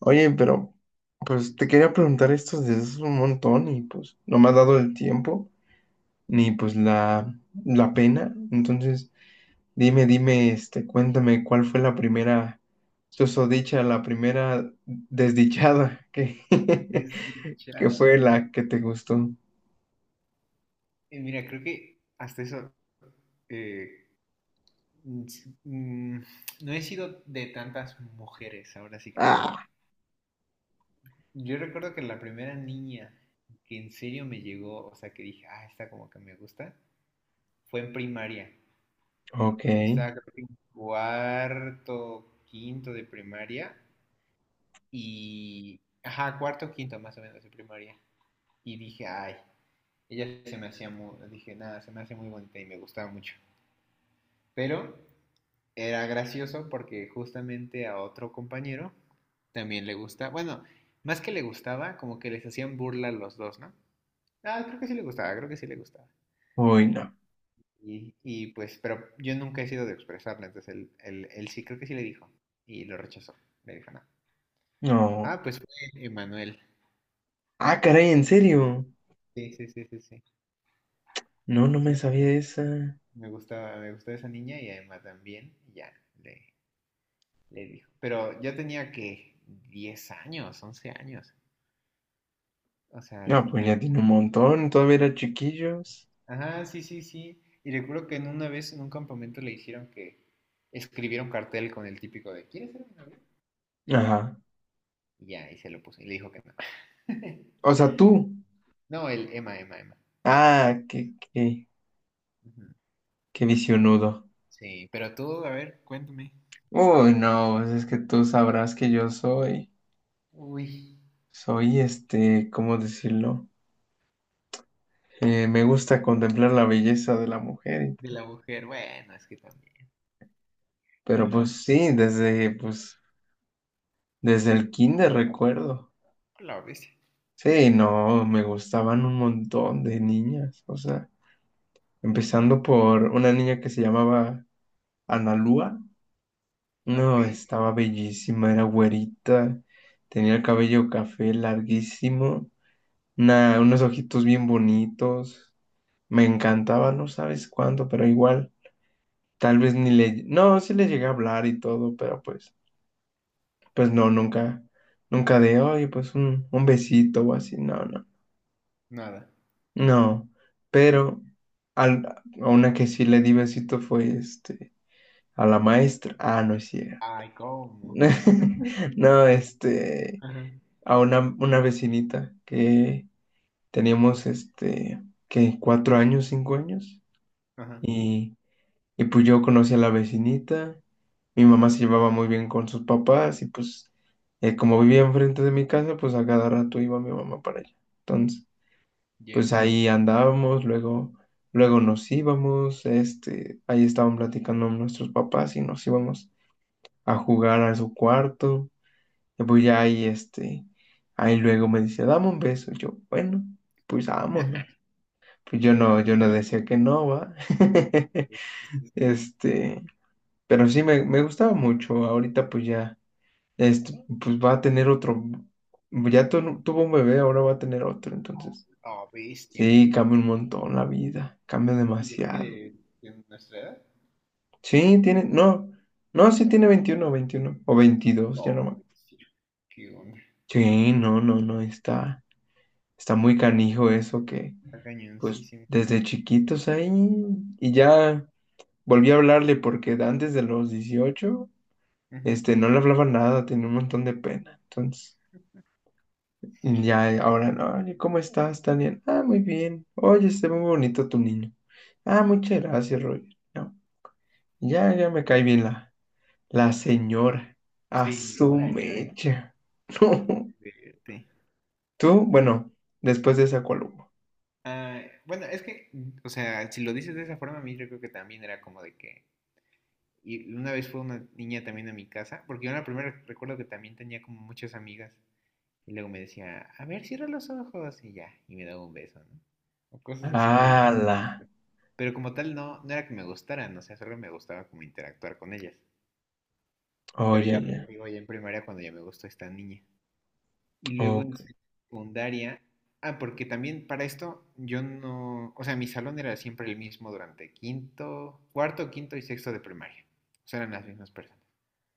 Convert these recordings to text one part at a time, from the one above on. Oye, pero pues te quería preguntar esto desde hace un montón y pues no me ha dado el tiempo ni pues la pena. Entonces, dime, dime, cuéntame cuál fue la primera susodicha, la primera desdichada que, que fue Desdichada. la que te gustó. Mira, creo que hasta eso. eh, mm, no he sido de tantas mujeres, ahora sí que sí, ¿no? Yo recuerdo que la primera niña que en serio me llegó, o sea, que dije, ah, esta como que me gusta, fue en primaria. Ok. Estaba creo que en cuarto, quinto de primaria y, ajá, cuarto, quinto más o menos de primaria. Y dije, ay, ella se me hacía muy, dije, nada, se me hace muy bonita y me gustaba mucho. Pero era gracioso porque justamente a otro compañero también le gusta, bueno, más que le gustaba, como que les hacían burla a los dos, ¿no? Ah, creo que sí le gustaba, creo que sí le gustaba. Uy, no. Y pues, pero yo nunca he sido de expresarle, entonces él sí, creo que sí le dijo y lo rechazó, le dijo no. No. Ah, pues fue Emanuel. Ah, caray, ¿en serio? Sí, sí, sí, sí, sí. No, Sí, no sí me me sabía acuerdo. esa. Me gustaba esa niña y además también, y ya, le, le dijo. Pero yo tenía que 10 años, 11 años. O sea, No, sí, pues nada. ya tiene un montón, todavía era chiquillos. Ajá, sí, sí, sí. Y recuerdo que en una vez en un campamento le dijeron que escribiera un cartel con el típico de ¿quieres ser mi novia? Ajá. Y ya, y se lo puso. Y le dijo que no. O sea, tú. No, el Emma, Emma, Emma. Emanuel. Ah, qué, qué, Ujú. qué visionudo. Sí, pero tú, a ver, cuéntame. Uy, no, pues es que tú sabrás que yo soy, Uy, soy ¿cómo decirlo? Me gusta contemplar la belleza de la mujer, de la mujer. Bueno, es que también. pero Ajá. pues sí, desde el kinder recuerdo. La bestia. Sí, no, me gustaban un montón de niñas, o sea, empezando por una niña que se llamaba Analúa. No, Ok, estaba bellísima, era güerita, tenía el cabello café larguísimo. Nah, unos ojitos bien bonitos. Me encantaba, no sabes cuándo, pero igual, tal vez ni le... No, sí le llegué a hablar y todo, pero pues no, nunca de, oye, pues un besito o así, no, no, nada. no. Pero al- a una que sí le di besito fue, a la maestra. Ah, no es cierto. Ay, ¿cómo? No, Ajá. a una vecinita que teníamos, que 4 años, 5 años. Ajá, Y Y pues yo conocí a la vecinita, mi mamá se llevaba muy bien con sus papás y pues como vivía enfrente de mi casa, pues a cada rato iba mi mamá para allá. Entonces, ya. pues ahí andábamos, luego nos íbamos, ahí estaban platicando nuestros papás y nos íbamos a jugar a su cuarto. Y pues ya ahí, luego me dice, dame un beso. Y yo, bueno, pues vámonos. Pues yo no, yo Yo no creo decía que no, va. que es Este, Pero sí, me gustaba mucho. Ahorita pues ya, pues va a tener otro, ya tuvo un bebé, ahora va a tener otro. Entonces, una bestia. sí, cambia un montón la vida, cambia ¿Y de qué? demasiado. ¿De nuestra edad? Sí, tiene, no, no, sí tiene veintiuno o 22. No, sí, qué onda. Sí, no, no, no, está muy canijo eso que, Está pues cañoncísimo. desde chiquitos ahí y ya volví a hablarle porque antes de los 18 Ujú. No le hablaba nada, tenía un montón de pena. Entonces... Ya, ahora, no, oye, ¿cómo estás, Tania? Ah, muy bien. Oye, está muy bonito tu niño. Ah, muchas gracias, Roger. No, ya, ya me cae bien la señora. A su Señora, ya, ¿eh? mecha. Qué No. fuerte. Tú, bueno, después de esa columna. Ah, bueno, es que, o sea, si lo dices de esa forma, a mí yo creo que también era como de que. Y una vez fue una niña también a mi casa, porque yo en la primera recuerdo que también tenía como muchas amigas. Y luego me decía, a ver, cierra los ojos y ya, y me daba un beso, ¿no? O cosas así medio. ¡Hala! Pero como tal, no, no era que me gustaran, o sea, solo me gustaba como interactuar con ellas. Pero Oye, ya fue, ya. digo, ya en primaria cuando ya me gustó esta niña. Y luego Ok. en secundaria, ah, porque también para esto yo no, o sea, mi salón era siempre el mismo durante quinto, cuarto, quinto y sexto de primaria. O sea, eran las mismas personas.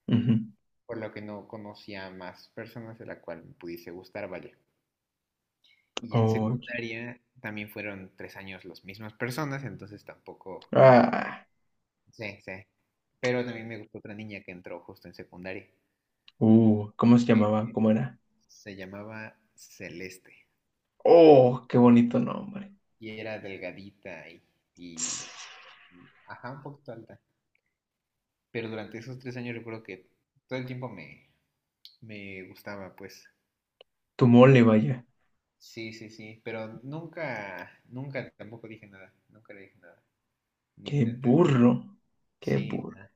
Ujú. Por lo que no conocía más personas de la cual me pudiese gustar, vaya. Y ya en Oye. secundaria también fueron 3 años las mismas personas, entonces tampoco, Ah. sí, sí. Pero también me gustó otra niña que entró justo en secundaria, ¿Cómo se que llamaba? que ¿Cómo era? se llamaba Celeste. Oh, qué bonito nombre. Y era delgadita Tss. y ajá, un poquito alta. Pero durante esos tres años recuerdo que todo el tiempo me, me gustaba, pues. Tu mole, vaya. Sí, sí, sí. Pero nunca, nunca tampoco dije nada. Nunca le dije nada. Ni Qué intenté nada. burro. Qué Sí, burro. nada.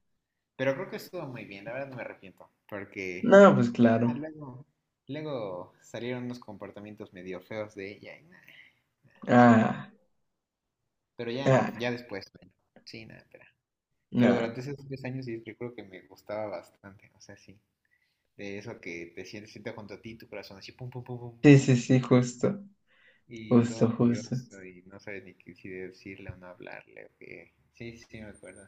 Pero creo que estuvo muy bien. La verdad no me arrepiento. Porque No, pues ah, claro. luego, luego salieron unos comportamientos medio feos de ella. Y nada, sí, nada. Ah, Pero ya, ah, ya después, bueno, sí, nada, pero. Pero no. durante esos tres años sí recuerdo que me gustaba bastante. O sea, sí, de eso que te sientes, sientes junto a ti, tu corazón así, pum, pum, pum, pum, Sí, pum, sí, pum, sí, justo, y todo justo, justo. nervioso y no sabes ni qué- si decirle o no hablarle, o qué. Sí, sí, sí, me acuerdo.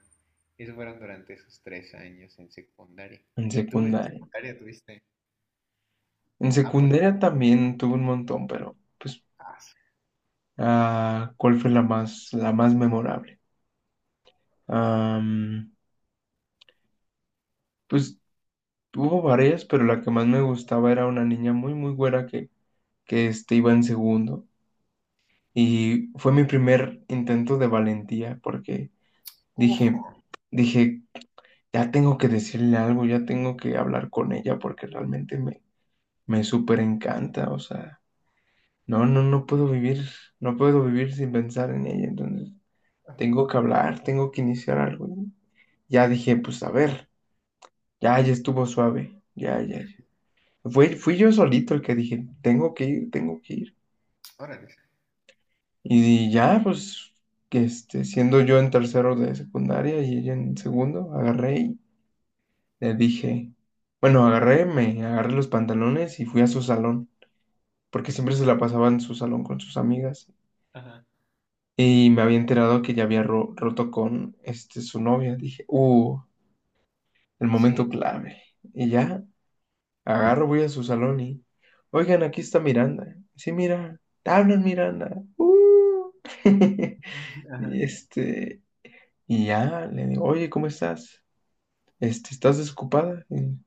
Eso fueron durante esos 3 años en secundaria. En ¿Y tú en secundaria. secundaria tuviste En amores? secundaria también tuve un montón, pero pues, Ah, su- ¿cuál fue la más memorable? Am, pues hubo varias, pero la que más me gustaba era una niña muy, muy güera que iba en segundo. Y fue mi primer intento de valentía, porque ¡ojo! dije, dije, ya tengo que decirle algo, ya tengo que hablar con ella porque realmente me súper encanta, o sea, no, no, no puedo vivir sin pensar en ella, entonces Ajá. tengo que hablar, tengo que iniciar algo, ¿no? Ya dije, pues a ver, ya, ya estuvo suave, ya, ya, ya. Fui yo solito el que dije, tengo que ir, tengo que ir. Órale. Y ya, pues, siendo yo en tercero de secundaria y ella en segundo, agarré. Le dije, bueno, me agarré los pantalones y fui a su salón, porque siempre se la pasaba en su salón con sus amigas. Ajá. Y me había enterado que ya había roto con su novia. Dije, el Sí. momento clave. Y ya, agarro, voy a su salón y, oigan, aquí está Miranda. Sí, mira, te hablan Miranda. Ajá. Y este, y ya, le digo, oye, ¿cómo estás? ¿Estás desocupada? Y,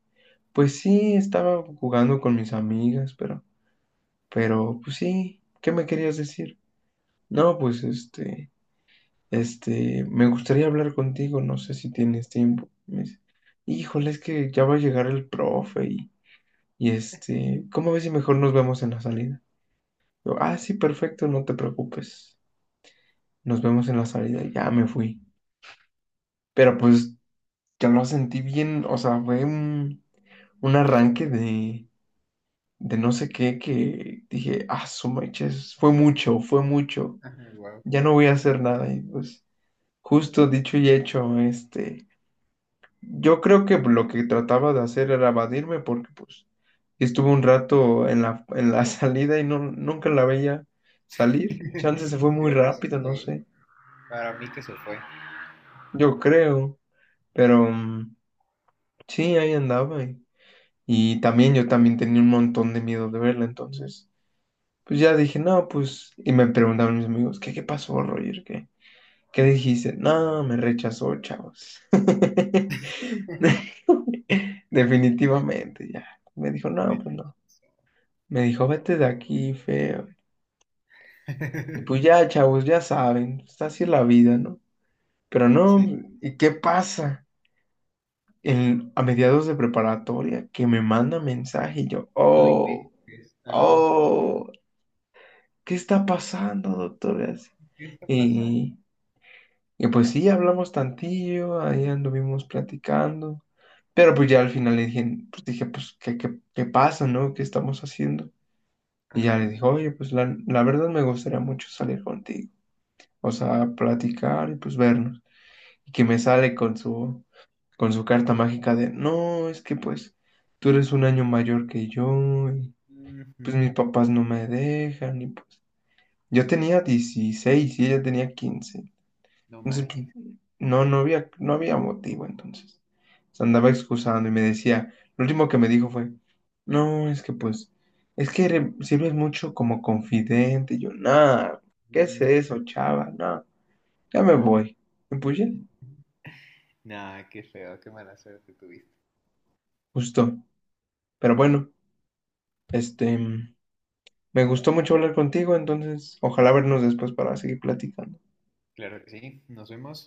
pues sí, estaba jugando con mis amigas, pero... Pero, pues sí, ¿qué me querías decir? No, pues me gustaría hablar contigo, no sé si tienes tiempo. Me dice, híjole, es que ya va a llegar el profe y, ¿cómo ves si mejor nos vemos en la salida? Yo, ah, sí, perfecto, no te preocupes. Nos vemos en la salida, ya me fui. Pero pues ya lo sentí bien, o sea, fue un arranque de no sé qué que dije, ah, su meches, fue mucho, Ajá. Wow. ya no voy a hacer nada y pues. Justo dicho y hecho, yo creo que lo que trataba de hacer era evadirme porque pues estuve un rato en la salida y no, nunca la veía salir. Chance se fue muy Creo que eso rápido, fue, no ¿eh? sé, Para mí que se fue. yo creo, pero sí, ahí andaba y también yo también tenía un montón de miedo de verla, entonces pues ya dije, no, pues, y me preguntaban mis amigos, ¿qué pasó, Roger? ¿Qué? ¿Qué dijiste? Ah, No, bueno. me rechazó, chavos. Definitivamente, ya. Me dijo, no, Me pues la no. Me dijo, vete de aquí, feo. Y pues ya, chavos, ya saben, está así la vida, ¿no? Pero no, Sí, ¿y qué pasa? A mediados de preparatoria, que me manda mensaje y yo, no oh, inventes. Ajá. oh, ¿qué está pasando, doctora? ¿Qué está pasando? Y Y pues sí, hablamos tantillo, ahí anduvimos platicando, pero pues ya al final le dije, pues, ¿qué, pasa, no? ¿Qué estamos haciendo? Y Ajá. ya le dije, oye, pues la verdad me gustaría mucho salir contigo, o sea, platicar y pues vernos. Y que me sale con su carta mágica de, no, es que pues tú eres un año mayor que yo, y Ujú, pues mis papás no me dejan, y pues yo tenía 16 y ella tenía 15. no Entonces, pues, manches. no, no había motivo entonces. Se andaba excusando y me decía, lo último que me dijo fue, no, es que pues, es que sirves mucho como confidente. Y yo, nada, ¿qué es Mm, eso, chava? No, ya me nah. voy. Y pues ya, Nah, qué feo, qué mala suerte tuviste. justo. Pero bueno, este, me gustó mucho hablar contigo, entonces, ojalá vernos después para seguir platicando. Claro que sí, nos vemos.